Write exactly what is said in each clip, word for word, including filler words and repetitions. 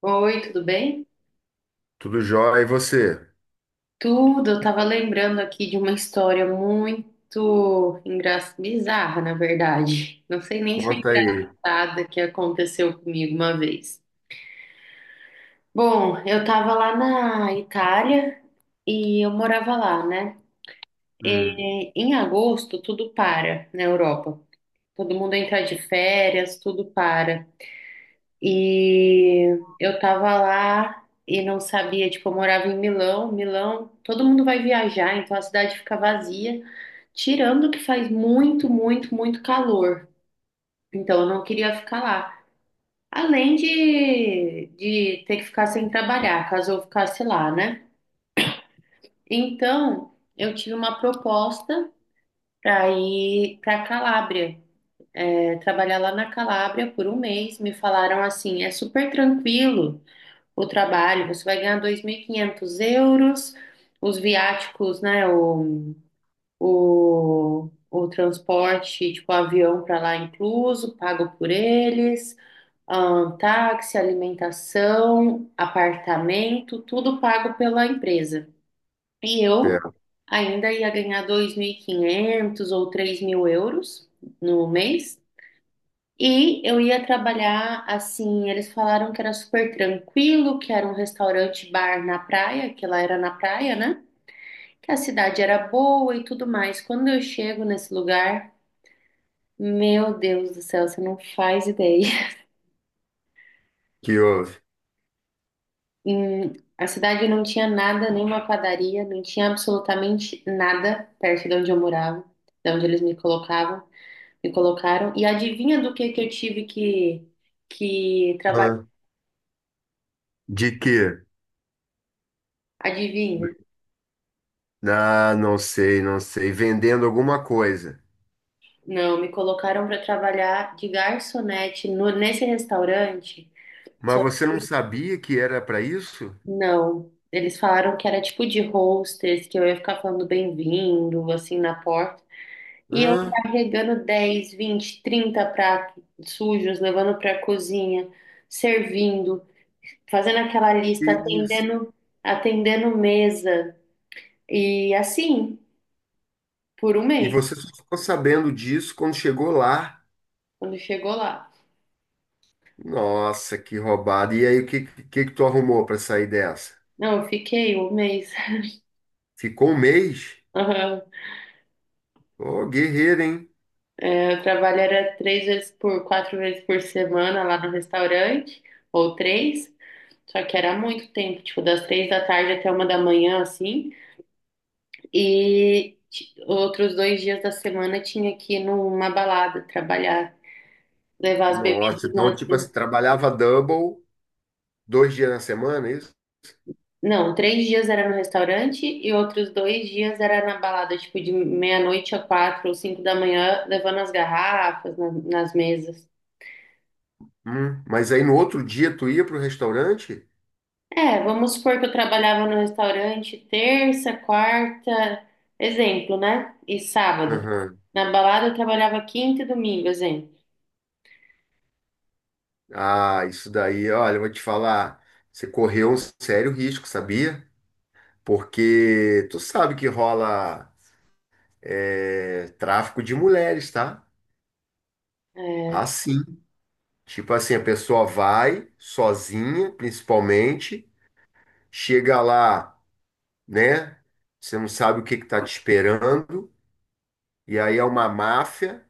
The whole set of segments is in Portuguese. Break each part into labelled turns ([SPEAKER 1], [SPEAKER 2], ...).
[SPEAKER 1] Oi, tudo bem?
[SPEAKER 2] Tudo jóia, e você?
[SPEAKER 1] Tudo, eu tava lembrando aqui de uma história muito engra... bizarra, na verdade. Não sei nem se é
[SPEAKER 2] Conta aí.
[SPEAKER 1] engraçada que aconteceu comigo uma vez. Bom, eu tava lá na Itália e eu morava lá, né?
[SPEAKER 2] Hum,
[SPEAKER 1] E em agosto tudo para na Europa. Todo mundo entra de férias, tudo para. E eu tava lá e não sabia, tipo, eu morava em Milão. Milão, todo mundo vai viajar, então a cidade fica vazia, tirando que faz muito, muito, muito calor. Então eu não queria ficar lá. Além de, de ter que ficar sem trabalhar, caso eu ficasse lá, né? Então eu tive uma proposta para ir para Calábria, é, trabalhar lá na Calábria por um mês. Me falaram assim: é super tranquilo. O trabalho, você vai ganhar dois mil e quinhentos euros, os viáticos, né, o, o, o transporte, tipo, avião para lá incluso, pago por eles, ahn, táxi, alimentação, apartamento, tudo pago pela empresa. E eu
[SPEAKER 2] pera,
[SPEAKER 1] ainda ia ganhar dois mil e quinhentos ou três mil euros no mês. E eu ia trabalhar assim. Eles falaram que era super tranquilo, que era um restaurante bar na praia, que lá era na praia, né? Que a cidade era boa e tudo mais. Quando eu chego nesse lugar, meu Deus do céu, você não faz ideia.
[SPEAKER 2] que houve?
[SPEAKER 1] Hum, a cidade não tinha nada, nenhuma padaria, não tinha absolutamente nada perto de onde eu morava, de onde eles me colocavam, me colocaram. E adivinha do que que eu tive que, que trabalhar?
[SPEAKER 2] Hã? De quê?
[SPEAKER 1] Adivinha?
[SPEAKER 2] Ah, não sei, não sei. Vendendo alguma coisa.
[SPEAKER 1] Não, me colocaram para trabalhar de garçonete no- nesse restaurante. Só
[SPEAKER 2] Mas você
[SPEAKER 1] que
[SPEAKER 2] não sabia que era para isso?
[SPEAKER 1] não. Eles falaram que era tipo de hostess, que eu ia ficar falando bem-vindo, assim, na porta. E eu
[SPEAKER 2] Hã?
[SPEAKER 1] carregando dez, vinte, trinta pratos sujos, levando para a cozinha, servindo, fazendo aquela
[SPEAKER 2] Que
[SPEAKER 1] lista,
[SPEAKER 2] isso?
[SPEAKER 1] atendendo, atendendo mesa. E assim, por um
[SPEAKER 2] E
[SPEAKER 1] mês,
[SPEAKER 2] você só ficou sabendo disso quando chegou lá?
[SPEAKER 1] quando chegou lá.
[SPEAKER 2] Nossa, que roubada. E aí, o que, que, que tu arrumou para sair dessa?
[SPEAKER 1] Não, eu fiquei um mês.
[SPEAKER 2] Ficou um mês? Ô, guerreiro, hein?
[SPEAKER 1] Eu trabalho era três vezes por, quatro vezes por semana lá no restaurante, ou três, só que era muito tempo, tipo, das três da tarde até uma da manhã, assim, e ti- outros dois dias da semana tinha que ir numa balada, trabalhar, levar as
[SPEAKER 2] Nossa,
[SPEAKER 1] bebidas
[SPEAKER 2] então,
[SPEAKER 1] nas...
[SPEAKER 2] tipo assim, trabalhava double, dois dias na semana, é isso?
[SPEAKER 1] Não, três dias era no restaurante e outros dois dias era na balada, tipo, de meia-noite a quatro ou cinco da manhã, levando as garrafas na- nas mesas.
[SPEAKER 2] Hum, mas aí no outro dia tu ia pro restaurante?
[SPEAKER 1] É, vamos supor que eu trabalhava no restaurante terça, quarta, exemplo, né? E sábado.
[SPEAKER 2] Aham.
[SPEAKER 1] Na balada eu trabalhava quinta e domingo, exemplo.
[SPEAKER 2] Ah, isso daí, olha, eu vou te falar, você correu um sério risco, sabia? Porque tu sabe que rola é, tráfico de mulheres, tá?
[SPEAKER 1] É,
[SPEAKER 2] Assim. Tipo assim, a pessoa vai sozinha, principalmente, chega lá, né? Você não sabe o que que tá te esperando, e aí é uma máfia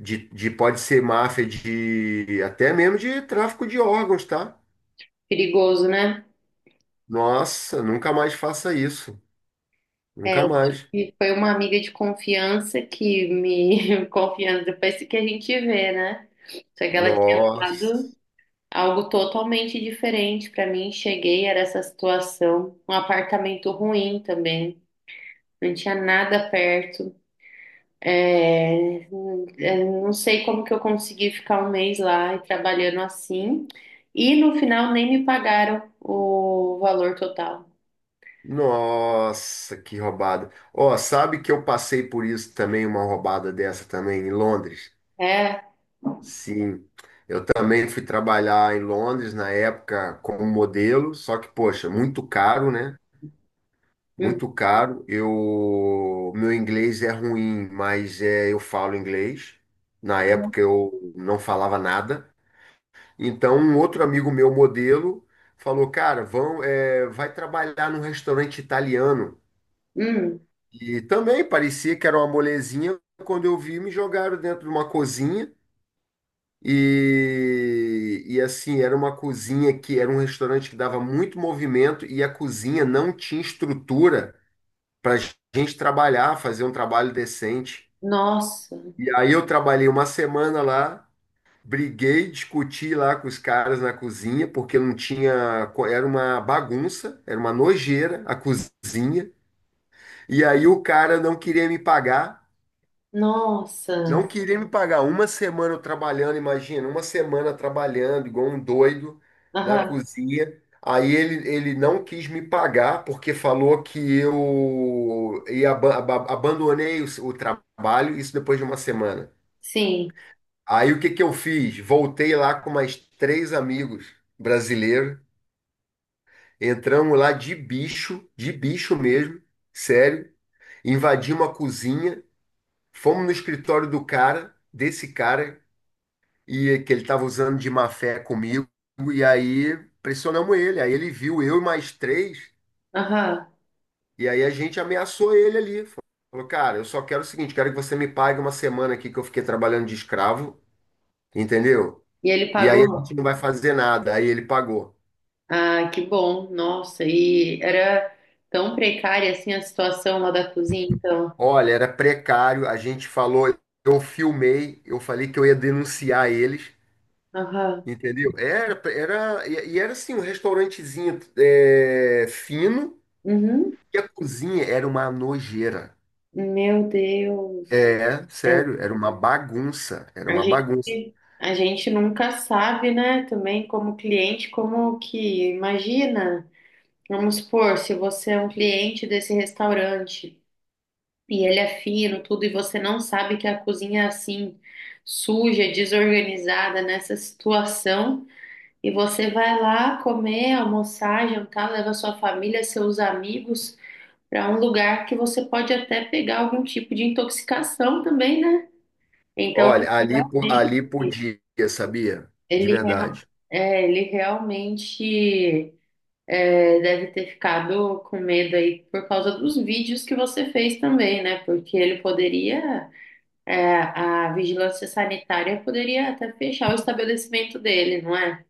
[SPEAKER 2] de, de pode ser máfia de até mesmo de tráfico de órgãos, tá?
[SPEAKER 1] perigoso, né?
[SPEAKER 2] Nossa, nunca mais faça isso.
[SPEAKER 1] É,
[SPEAKER 2] Nunca mais.
[SPEAKER 1] e foi uma amiga de confiança que me confiança depois que a gente vê, né? Só que ela tinha dado
[SPEAKER 2] Nossa.
[SPEAKER 1] algo totalmente diferente pra mim. Cheguei, era essa situação, um apartamento ruim também, não tinha nada perto. É, eu não sei como que eu consegui ficar um mês lá e trabalhando assim. E no final nem me pagaram o valor total.
[SPEAKER 2] Nossa, que roubada. Ó, sabe que eu passei por isso também, uma roubada dessa também em Londres?
[SPEAKER 1] É.
[SPEAKER 2] Sim. Eu também fui trabalhar em Londres na época como modelo, só que, poxa, muito caro, né? Muito caro. Eu, meu inglês é ruim, mas é, eu falo inglês. Na
[SPEAKER 1] Uhum.
[SPEAKER 2] época eu não falava nada. Então, um outro amigo meu, modelo, falou: Cara, vão, é, vai trabalhar num restaurante italiano.
[SPEAKER 1] Hum.
[SPEAKER 2] E também parecia que era uma molezinha. Quando eu vi, me jogaram dentro de uma cozinha. E, e assim, era uma cozinha que era um restaurante que dava muito movimento e a cozinha não tinha estrutura para gente trabalhar, fazer um trabalho decente.
[SPEAKER 1] Nossa,
[SPEAKER 2] E aí eu trabalhei uma semana lá. Briguei, discuti lá com os caras na cozinha, porque não tinha. co- Era uma bagunça, era uma nojeira a cozinha. E aí o cara não queria me pagar,
[SPEAKER 1] nossa.
[SPEAKER 2] não queria me pagar. Uma semana eu trabalhando, imagina, uma semana trabalhando, igual um doido, na
[SPEAKER 1] Aham,
[SPEAKER 2] cozinha. Aí ele, ele não quis me pagar, porque falou que eu ia, aba- aba- abandonei o, s- o trabalho, isso depois de uma semana.
[SPEAKER 1] sim.
[SPEAKER 2] Aí o que que eu fiz? Voltei lá com mais três amigos brasileiros. Entramos lá de bicho, de bicho mesmo, sério. Invadimos a cozinha, fomos no escritório do cara, desse cara, e que ele estava usando de má fé comigo. E aí pressionamos ele. Aí ele viu eu e mais três,
[SPEAKER 1] Aham.
[SPEAKER 2] e aí a gente ameaçou ele ali. Falou, cara, eu só quero o seguinte, quero que você me pague uma semana aqui que eu fiquei trabalhando de escravo, entendeu?
[SPEAKER 1] E ele
[SPEAKER 2] E aí a gente
[SPEAKER 1] pagou?
[SPEAKER 2] não vai fazer nada. Aí ele pagou.
[SPEAKER 1] Ah, que bom. Nossa, e era tão precária assim a situação lá da cozinha, então.
[SPEAKER 2] Olha, era precário, a gente falou, eu filmei, eu falei que eu ia denunciar eles,
[SPEAKER 1] Aham.
[SPEAKER 2] entendeu? Era, era, e e era assim, um restaurantezinho é, fino,
[SPEAKER 1] Uhum.
[SPEAKER 2] e a cozinha era uma nojeira.
[SPEAKER 1] Meu Deus.
[SPEAKER 2] É, sério, era uma bagunça, era
[SPEAKER 1] A
[SPEAKER 2] uma bagunça.
[SPEAKER 1] gente, a gente nunca sabe, né? Também como cliente, como que imagina. Vamos supor, se você é um cliente desse restaurante e ele é fino, tudo, e você não sabe que a cozinha é assim, suja, desorganizada nessa situação, e você vai lá comer, almoçar, jantar, leva sua família, seus amigos para um lugar que você pode até pegar algum tipo de intoxicação também, né? Então,
[SPEAKER 2] Olha, ali, po-
[SPEAKER 1] realmente.
[SPEAKER 2] ali podia, sabia? De
[SPEAKER 1] Ele, rea-
[SPEAKER 2] verdade.
[SPEAKER 1] é, ele realmente é, deve ter ficado com medo aí por causa dos vídeos que você fez também, né? Porque ele poderia, é, a vigilância sanitária poderia até fechar o estabelecimento dele, não é?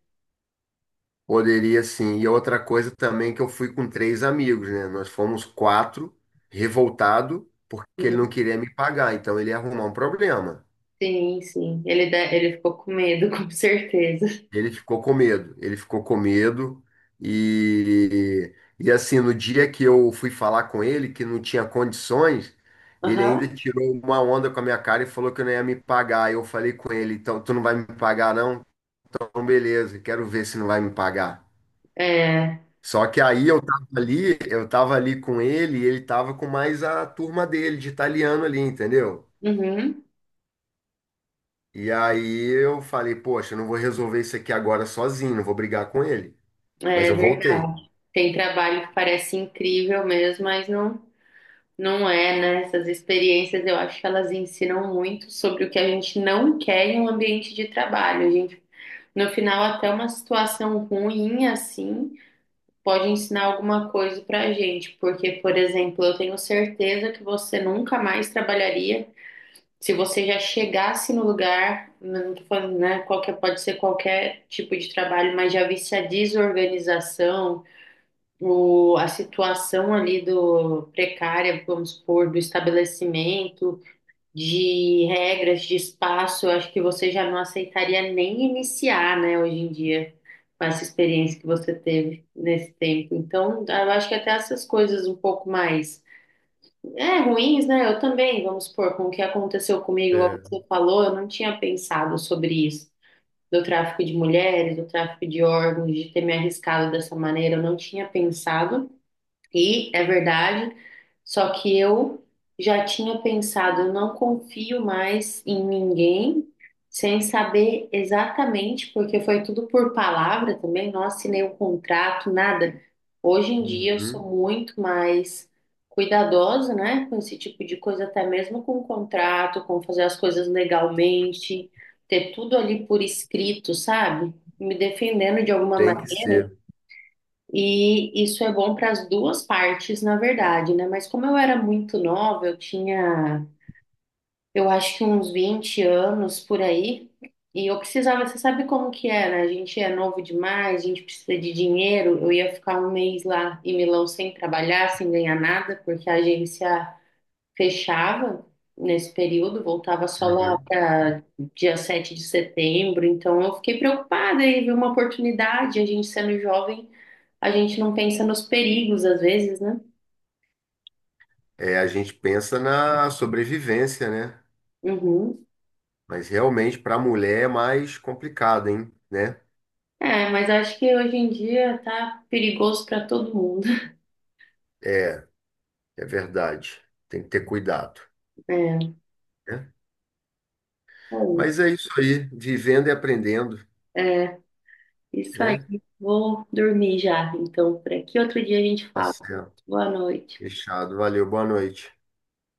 [SPEAKER 2] Poderia sim. E outra coisa também que eu fui com três amigos, né? Nós fomos quatro, revoltado, porque ele
[SPEAKER 1] Uhum.
[SPEAKER 2] não queria me pagar, então ele ia arrumar um problema.
[SPEAKER 1] Sim, sim. Ele, de- ele ficou com medo, com certeza.
[SPEAKER 2] Ele ficou com medo, ele ficou com medo e, e assim, no dia que eu fui falar com ele, que não tinha condições, ele ainda
[SPEAKER 1] Aham.
[SPEAKER 2] tirou uma onda com a minha cara e falou que não ia me pagar. Eu falei com ele, então tu não vai me pagar não? Então beleza, quero ver se não vai me pagar.
[SPEAKER 1] É,
[SPEAKER 2] Só que aí eu tava ali, eu tava ali com ele e ele tava com mais a turma dele de italiano ali, entendeu?
[SPEAKER 1] uhum,
[SPEAKER 2] E aí eu falei, poxa, eu não vou resolver isso aqui agora sozinho, não vou brigar com ele. Mas
[SPEAKER 1] é
[SPEAKER 2] eu voltei.
[SPEAKER 1] verdade. Tem trabalho que parece incrível mesmo, mas não. Não é, né? Essas experiências eu acho que elas ensinam muito sobre o que a gente não quer em um ambiente de trabalho. A gente, no final, até uma situação ruim assim pode ensinar alguma coisa pra gente. Porque, por exemplo, eu tenho certeza que você nunca mais trabalharia se você já chegasse no lugar, não tô falando, né? Qualquer, pode ser qualquer tipo de trabalho, mas já visse a desorganização o, a situação ali do precária, vamos supor, do estabelecimento, de regras, de espaço, eu acho que você já não aceitaria nem iniciar, né, hoje em dia, com essa experiência que você teve nesse tempo. Então, eu acho que até essas coisas um pouco mais, é, ruins, né? Eu também, vamos supor, com o que aconteceu comigo, igual
[SPEAKER 2] É.
[SPEAKER 1] você falou, eu não tinha pensado sobre isso. Do tráfico de mulheres, do tráfico de órgãos, de ter me arriscado dessa maneira, eu não tinha pensado. E é verdade, só que eu já tinha pensado, eu não confio mais em ninguém sem saber exatamente, porque foi tudo por palavra também, não assinei o contrato, nada. Hoje em dia eu sou
[SPEAKER 2] Uhum,
[SPEAKER 1] muito mais cuidadosa, né, com esse tipo de coisa, até mesmo com o contrato, com fazer as coisas legalmente, ter tudo ali por escrito, sabe? Me defendendo de alguma
[SPEAKER 2] tem que
[SPEAKER 1] maneira.
[SPEAKER 2] ser.
[SPEAKER 1] E isso é bom para as duas partes, na verdade, né? Mas como eu era muito nova, eu tinha, eu acho que uns vinte anos por aí, e eu precisava, você sabe como que é, né? A gente é novo demais, a gente precisa de dinheiro. Eu ia ficar um mês lá em Milão sem trabalhar, sem ganhar nada, porque a agência fechava nesse período, voltava só lá
[SPEAKER 2] Uhum.
[SPEAKER 1] para dia sete de setembro. Então eu fiquei preocupada e vi uma oportunidade, a gente sendo jovem a gente não pensa nos perigos às vezes, né?
[SPEAKER 2] É, a gente pensa na sobrevivência, né?
[SPEAKER 1] Uhum.
[SPEAKER 2] Mas realmente para a mulher é mais complicado, hein? Né?
[SPEAKER 1] É, mas acho que hoje em dia tá perigoso pra todo mundo.
[SPEAKER 2] É, é verdade. Tem que ter cuidado,
[SPEAKER 1] É,
[SPEAKER 2] né?
[SPEAKER 1] bom,
[SPEAKER 2] Mas é isso aí, vivendo e aprendendo,
[SPEAKER 1] é, isso aí.
[SPEAKER 2] né?
[SPEAKER 1] Vou dormir já, então, por aqui. Outro dia a gente
[SPEAKER 2] Tá
[SPEAKER 1] fala.
[SPEAKER 2] certo.
[SPEAKER 1] Boa noite.
[SPEAKER 2] Fechado. Valeu, boa noite.